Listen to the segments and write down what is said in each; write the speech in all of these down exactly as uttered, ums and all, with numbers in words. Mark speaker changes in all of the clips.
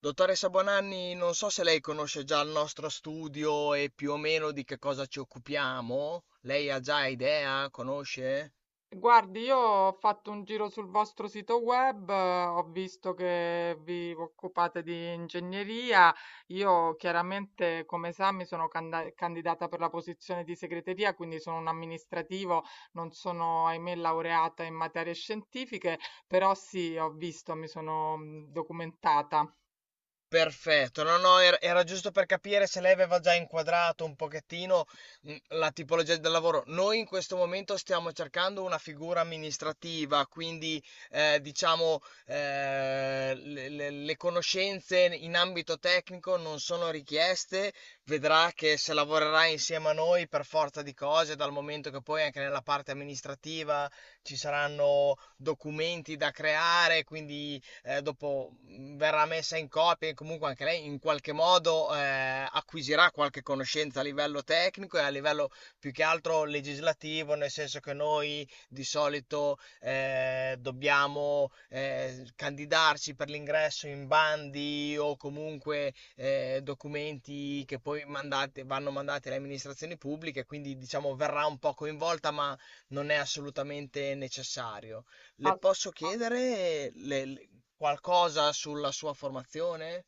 Speaker 1: Dottoressa Bonanni, non so se lei conosce già il nostro studio e più o meno di che cosa ci occupiamo. Lei ha già idea? Conosce?
Speaker 2: Guardi, io ho fatto un giro sul vostro sito web, eh, ho visto che vi occupate di ingegneria. Io chiaramente come sa mi sono canda- candidata per la posizione di segreteria, quindi sono un amministrativo, non sono ahimè laureata in materie scientifiche, però sì, ho visto, mi sono mh, documentata.
Speaker 1: Perfetto, no, no, era era giusto per capire se lei aveva già inquadrato un pochettino, mhmm, la tipologia del lavoro. Noi in questo momento stiamo cercando una figura amministrativa, quindi, ehm, diciamo, ehm, le le le conoscenze in ambito tecnico non sono richieste. Vedrà che se lavorerà insieme a noi per forza di cose, dal momento che poi anche nella parte amministrativa ci saranno documenti da creare, quindi eh, dopo mh, verrà messa in copia e comunque anche lei in qualche modo eh, acquisirà qualche conoscenza a livello tecnico e a livello più che altro legislativo, nel senso che noi di solito eh, dobbiamo eh, candidarci per l'ingresso in bandi o comunque eh, documenti che poi mandate- vanno mandati alle amministrazioni pubbliche, quindi diciamo verrà un po' coinvolta, ma non è assolutamente necessario. Le posso chiedere le- qualcosa sulla sua formazione?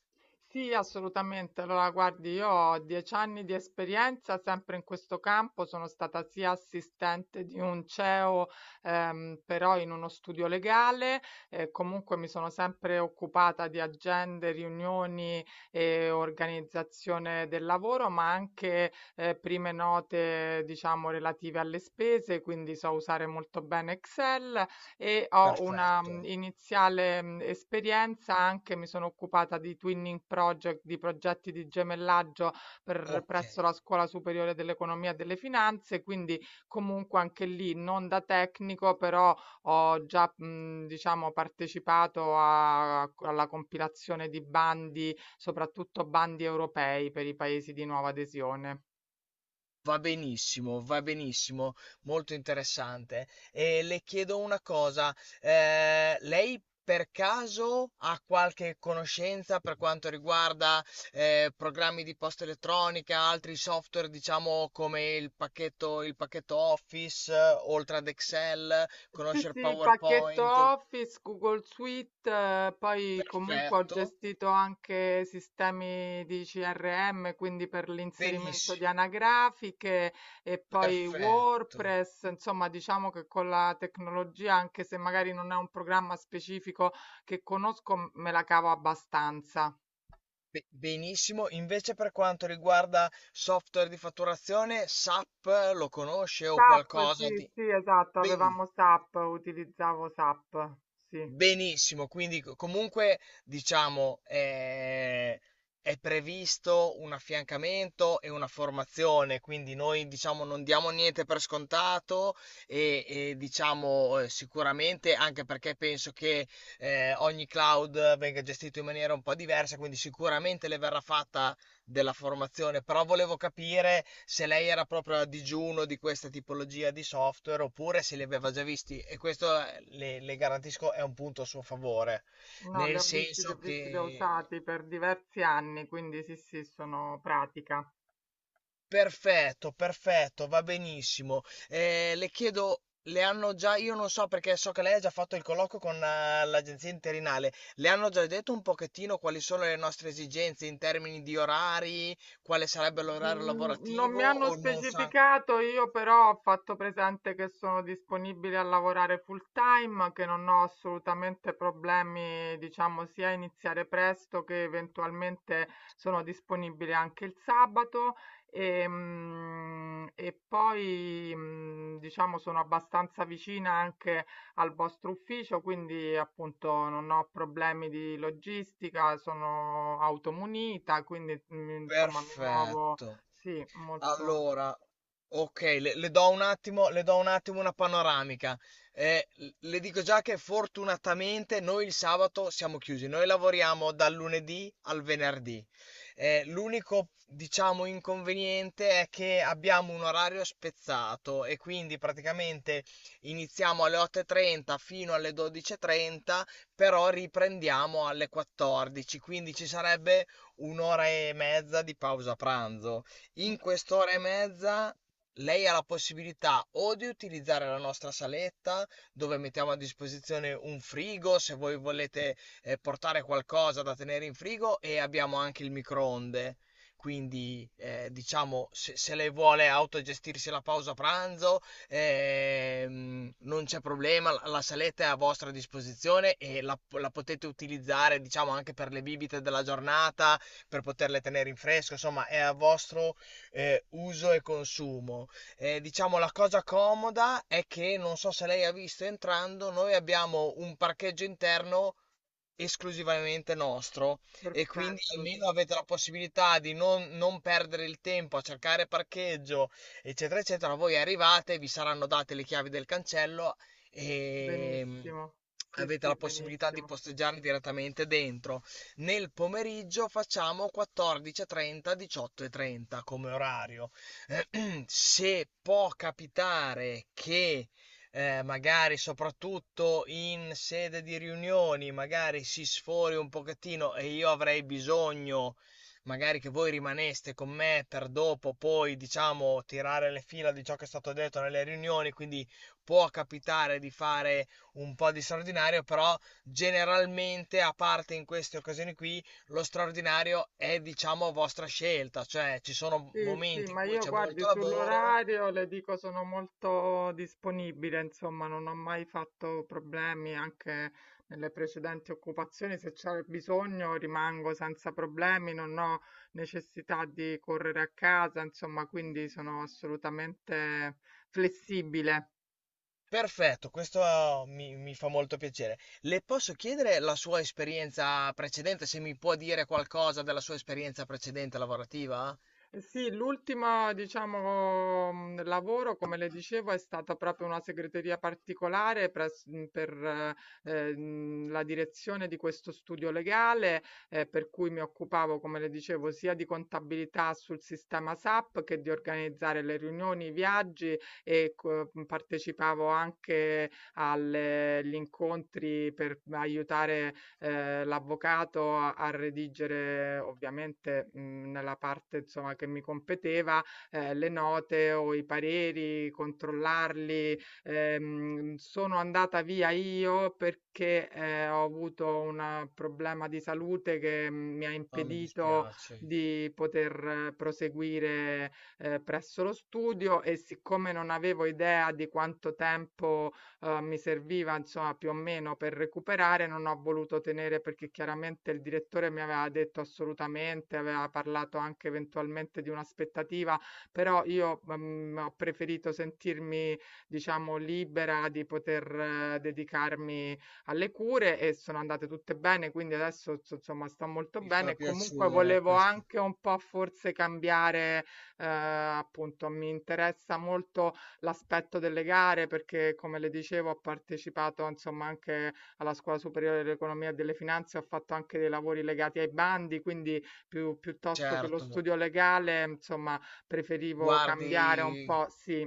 Speaker 2: Sì, assolutamente. Allora, guardi, io ho dieci anni di esperienza sempre in questo campo, sono stata sia assistente di un C E O, ehm, però in uno studio legale, eh, comunque mi sono sempre occupata di agende, riunioni e organizzazione del lavoro, ma anche eh, prime note, diciamo, relative alle spese, quindi so usare molto bene Excel e ho una,
Speaker 1: Perfetto,
Speaker 2: mhmm, iniziale, mhmm, esperienza anche mi sono occupata di twinning project, di progetti di gemellaggio per
Speaker 1: ok.
Speaker 2: presso la Scuola Superiore dell'Economia e delle Finanze, quindi comunque anche lì non da tecnico, però ho già, mhmm, diciamo partecipato a co alla compilazione di bandi, soprattutto bandi europei per i paesi di nuova adesione.
Speaker 1: Va benissimo, va benissimo, molto interessante. E le chiedo una cosa, eh, lei per caso ha qualche conoscenza per quanto riguarda eh, programmi di posta elettronica, altri software, diciamo come il pacchetto, il pacchetto Office, eh, oltre ad Excel,
Speaker 2: Sì,
Speaker 1: conoscere
Speaker 2: sì, pacchetto
Speaker 1: PowerPoint?
Speaker 2: Office, Google Suite, eh, poi comunque ho
Speaker 1: Perfetto,
Speaker 2: gestito anche sistemi di C R M, quindi per l'inserimento
Speaker 1: benissimo,
Speaker 2: di anagrafiche e poi
Speaker 1: perfetto.
Speaker 2: WordPress, insomma diciamo che con la tecnologia, anche se magari non è un programma specifico che conosco, m- me la cavo abbastanza.
Speaker 1: Be- Benissimo, invece per quanto riguarda software di fatturazione, SAP lo conosce o
Speaker 2: S A P,
Speaker 1: qualcosa
Speaker 2: sì,
Speaker 1: di...
Speaker 2: sì, esatto,
Speaker 1: Beni-
Speaker 2: avevamo S A P, utilizzavo S A P, sì.
Speaker 1: Benissimo, quindi co- comunque diciamo eh, è previsto un affiancamento e una formazione, quindi noi diciamo non diamo niente per scontato e, e, diciamo eh, sicuramente anche perché penso che eh, ogni cloud venga gestito in maniera un po' diversa, quindi sicuramente le verrà fatta della formazione, però volevo capire se lei era proprio a digiuno di questa tipologia di software oppure se li aveva già visti e questo eh, le, le garantisco è un punto a suo favore,
Speaker 2: No, li
Speaker 1: nel
Speaker 2: ho visti, li ho
Speaker 1: senso
Speaker 2: visti, li ho
Speaker 1: che
Speaker 2: usati per diversi anni, quindi sì, sì, sono pratica.
Speaker 1: perfetto, perfetto, va benissimo. Eh, le chiedo, le hanno già, io non so perché so che lei ha già fatto il colloquio con eh, l'agenzia interinale, le hanno già detto un pochettino quali sono le nostre esigenze in termini di orari, quale sarebbe l'orario
Speaker 2: Mm, non
Speaker 1: lavorativo
Speaker 2: mi hanno
Speaker 1: o non sa?
Speaker 2: specificato, io però ho fatto presente che sono disponibile a lavorare full time, che non ho assolutamente problemi, diciamo, sia a iniziare presto che eventualmente sono disponibile anche il sabato. E, mm, e poi, mm, diciamo, sono abbastanza vicina anche al vostro ufficio, quindi appunto non ho problemi di logistica, sono automunita, quindi mm, insomma mi muovo,
Speaker 1: Perfetto.
Speaker 2: sì, molto
Speaker 1: Allora, ok, le, le do un attimo, le do un attimo una panoramica. Eh, le dico già che fortunatamente noi il sabato siamo chiusi, noi lavoriamo dal lunedì al venerdì. Eh, l'unico, diciamo, inconveniente è che abbiamo un orario spezzato e quindi praticamente iniziamo alle otto e trenta fino alle dodici e trenta, però riprendiamo alle quattordici, quindi ci sarebbe un'ora e mezza di pausa pranzo. In quest'ora e mezza lei ha la possibilità o di utilizzare la nostra saletta dove mettiamo a disposizione un frigo se voi volete eh, portare qualcosa da tenere in frigo e abbiamo anche il microonde. Quindi, eh, diciamo, se, se lei vuole autogestirsi la pausa pranzo, ehm, non c'è problema, la, la saletta è a vostra disposizione e la, la potete utilizzare, diciamo, anche per le bibite della giornata, per poterle tenere in fresco, insomma, è a vostro eh, uso e consumo. Eh, diciamo la cosa comoda è che non so se lei ha visto entrando, noi abbiamo un parcheggio interno esclusivamente nostro e quindi
Speaker 2: perfetto,
Speaker 1: almeno avete la possibilità di non, non perdere il tempo a cercare parcheggio, eccetera, eccetera. Voi arrivate, vi saranno date le chiavi del cancello e mm,
Speaker 2: benissimo, sì,
Speaker 1: avete
Speaker 2: sì,
Speaker 1: la possibilità di
Speaker 2: benissimo.
Speaker 1: posteggiare direttamente dentro. Nel pomeriggio facciamo quattordici e trenta, diciotto e trenta come orario. Eh, Se può capitare che eh, magari soprattutto in sede di riunioni, magari si sfori un pochettino e io avrei bisogno, magari che voi rimaneste con me per dopo, poi diciamo tirare le fila di ciò che è stato detto nelle riunioni, quindi può capitare di fare un po' di straordinario, però generalmente, a parte in queste occasioni qui, lo straordinario è diciamo a vostra scelta, cioè ci sono
Speaker 2: Sì, sì,
Speaker 1: momenti in
Speaker 2: ma
Speaker 1: cui
Speaker 2: io
Speaker 1: c'è
Speaker 2: guardi
Speaker 1: molto lavoro.
Speaker 2: sull'orario, le dico sono molto disponibile, insomma, non ho mai fatto problemi anche nelle precedenti occupazioni, se c'è bisogno rimango senza problemi, non ho necessità di correre a casa, insomma, quindi sono assolutamente flessibile.
Speaker 1: Perfetto, questo, oh, mi, mi fa molto piacere. Le posso chiedere la sua esperienza precedente, se mi può dire qualcosa della sua esperienza precedente lavorativa?
Speaker 2: Eh sì, l'ultimo, diciamo, mh, lavoro, come le dicevo, è stata proprio una segreteria particolare pres- mh, per eh, eh, mh, la direzione di questo studio legale, eh, per cui mi occupavo, come le dicevo, sia di contabilità sul sistema S A P che di organizzare le riunioni, i viaggi e co- mh, partecipavo anche alle- agli incontri per aiutare ehm, l'avvocato a a redigere ovviamente, mhmm, nella parte insomma che mi competeva, ehm, le note o i pareri, controllarli. Ehm, sono andata via io perché, ehm, ho avuto un problema di salute che mh, mi ha
Speaker 1: No, mi
Speaker 2: impedito
Speaker 1: dispiace,
Speaker 2: di poter eh, proseguire, ehm, presso lo studio e siccome non avevo idea di quanto tempo uhm, mi serviva insomma più o meno per recuperare, non ho voluto tenere perché chiaramente il direttore mi aveva detto assolutamente, aveva parlato anche eventualmente di un'aspettativa, però io, mhmm, ho preferito sentirmi diciamo libera di poter eh, dedicarmi alle cure e sono andate tutte bene, quindi adesso so insomma sto molto
Speaker 1: mi fa
Speaker 2: bene e comunque
Speaker 1: piacere
Speaker 2: volevo
Speaker 1: questo.
Speaker 2: anche un po' forse cambiare, uhm, appunto mi interessa molto l'aspetto delle gare perché, come le dicevo, ho partecipato insomma anche alla Scuola Superiore dell'Economia e delle Finanze, ho fatto anche dei lavori legati ai bandi, quindi più, piuttosto che lo
Speaker 1: Certo,
Speaker 2: studio legale, insomma, preferivo cambiare un
Speaker 1: guardi,
Speaker 2: po', sì,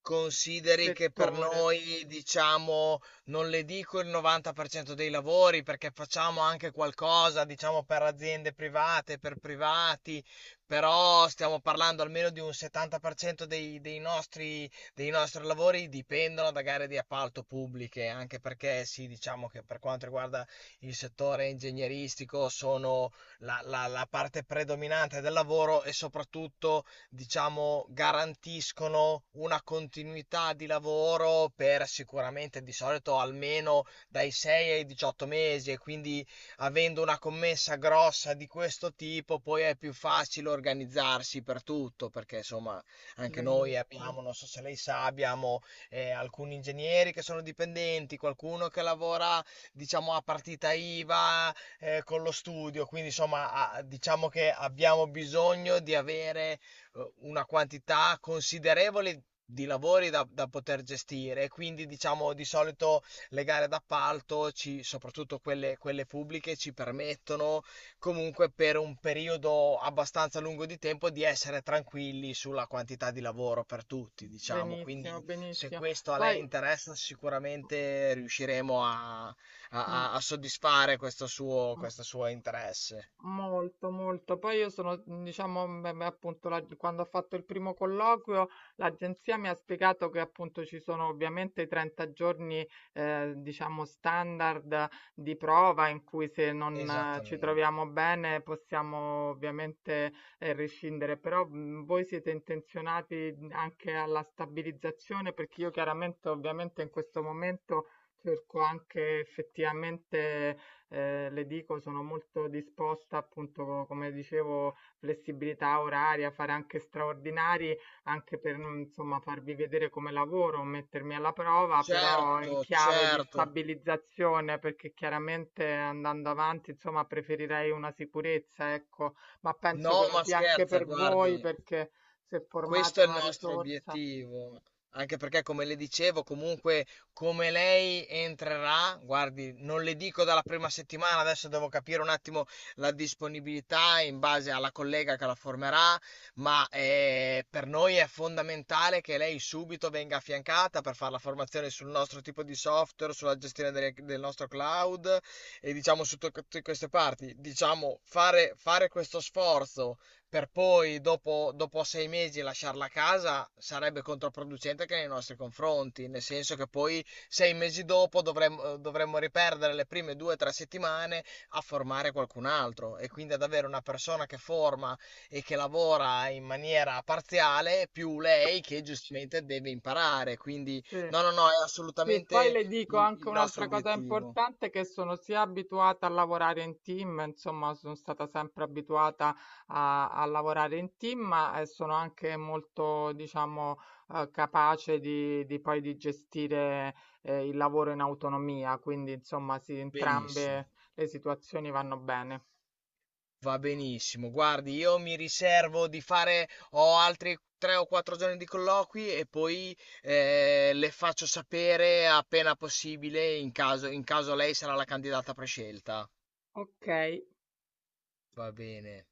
Speaker 1: consideri che per
Speaker 2: settore.
Speaker 1: noi, diciamo, non le dico il novanta per cento dei lavori perché facciamo anche qualcosa, diciamo, per aziende private, per privati, però stiamo parlando almeno di un settanta per cento dei, dei nostri, dei nostri lavori dipendono da gare di appalto pubbliche, anche perché sì, diciamo che per quanto riguarda il settore ingegneristico sono la, la la parte predominante del lavoro e soprattutto diciamo, garantiscono una continuità di lavoro per sicuramente di solito almeno dai sei ai diciotto mesi e quindi avendo una commessa grossa di questo tipo poi è più facile organizzarsi per tutto perché insomma anche noi
Speaker 2: Benissimo,
Speaker 1: abbiamo, non so se lei sa, abbiamo eh, alcuni ingegneri che sono dipendenti, qualcuno che lavora diciamo a partita IVA eh, con lo studio, quindi insomma a- diciamo che abbiamo bisogno di avere eh, una quantità considerevole di lavori da, da poter gestire, e quindi diciamo di solito le gare d'appalto, ci- soprattutto quelle, quelle pubbliche, ci permettono comunque per un periodo abbastanza lungo di tempo di essere tranquilli sulla quantità di lavoro per tutti, diciamo.
Speaker 2: benissimo,
Speaker 1: Quindi se
Speaker 2: benissimo.
Speaker 1: questo a
Speaker 2: Poi,
Speaker 1: lei interessa, sicuramente riusciremo a, a-
Speaker 2: mm,
Speaker 1: a- a soddisfare questo suo,
Speaker 2: mm.
Speaker 1: questo suo interesse.
Speaker 2: Molto, molto. Poi io sono, mh, diciamo, m- m- appunto, la- quando ho fatto il primo colloquio, l'agenzia mi ha spiegato che appunto ci sono ovviamente i trenta giorni, eh, diciamo, standard di prova in cui se non eh, ci
Speaker 1: Esattamente.
Speaker 2: troviamo bene possiamo ovviamente eh, rescindere, però mh, voi siete intenzionati anche alla stabilizzazione perché io chiaramente, ovviamente in questo momento cerco anche effettivamente eh, le dico, sono molto disposta, appunto, come dicevo, flessibilità oraria, fare anche straordinari, anche per, non, insomma, farvi vedere come lavoro, mettermi alla prova, però in
Speaker 1: Certo,
Speaker 2: chiave di
Speaker 1: certo.
Speaker 2: stabilizzazione, perché chiaramente andando avanti, insomma, preferirei una sicurezza, ecco, ma penso
Speaker 1: No,
Speaker 2: che lo
Speaker 1: ma
Speaker 2: sia anche
Speaker 1: scherza,
Speaker 2: per voi,
Speaker 1: guardi,
Speaker 2: perché se formate
Speaker 1: questo è il
Speaker 2: una
Speaker 1: nostro
Speaker 2: risorsa.
Speaker 1: obiettivo, anche perché come le dicevo, comunque come lei entrerà, guardi, non le dico dalla prima settimana, adesso devo capire un attimo la disponibilità in base alla collega che la formerà, ma eh, per noi è fondamentale che lei subito venga affiancata per fare la formazione sul nostro tipo di software, sulla gestione delle- del nostro cloud e diciamo su tutte queste parti, diciamo fare fare questo sforzo per poi dopo, dopo sei mesi lasciarla a casa sarebbe controproducente anche nei nostri confronti, nel senso che poi sei mesi dopo dovremmo, dovremmo riperdere le prime due o tre settimane a formare qualcun altro e quindi ad avere una persona che forma e che lavora in maniera parziale più lei che giustamente deve imparare. Quindi no,
Speaker 2: Sì.
Speaker 1: no, no, è
Speaker 2: Sì, poi
Speaker 1: assolutamente
Speaker 2: le dico
Speaker 1: il
Speaker 2: anche
Speaker 1: il nostro
Speaker 2: un'altra cosa
Speaker 1: obiettivo.
Speaker 2: importante, che sono sia abituata a lavorare in team, insomma, sono stata sempre abituata a, a lavorare in team, ma eh, sono anche molto, diciamo, eh, capace di, di poi di gestire eh, il lavoro in autonomia, quindi, insomma, sì,
Speaker 1: Benissimo.
Speaker 2: entrambe le situazioni vanno bene.
Speaker 1: Va benissimo. Guardi, io mi riservo di fare, ho altri tre o quattro giorni di colloqui e poi eh, le faccio sapere appena possibile in caso in caso lei sarà la candidata prescelta.
Speaker 2: Ok.
Speaker 1: Va bene.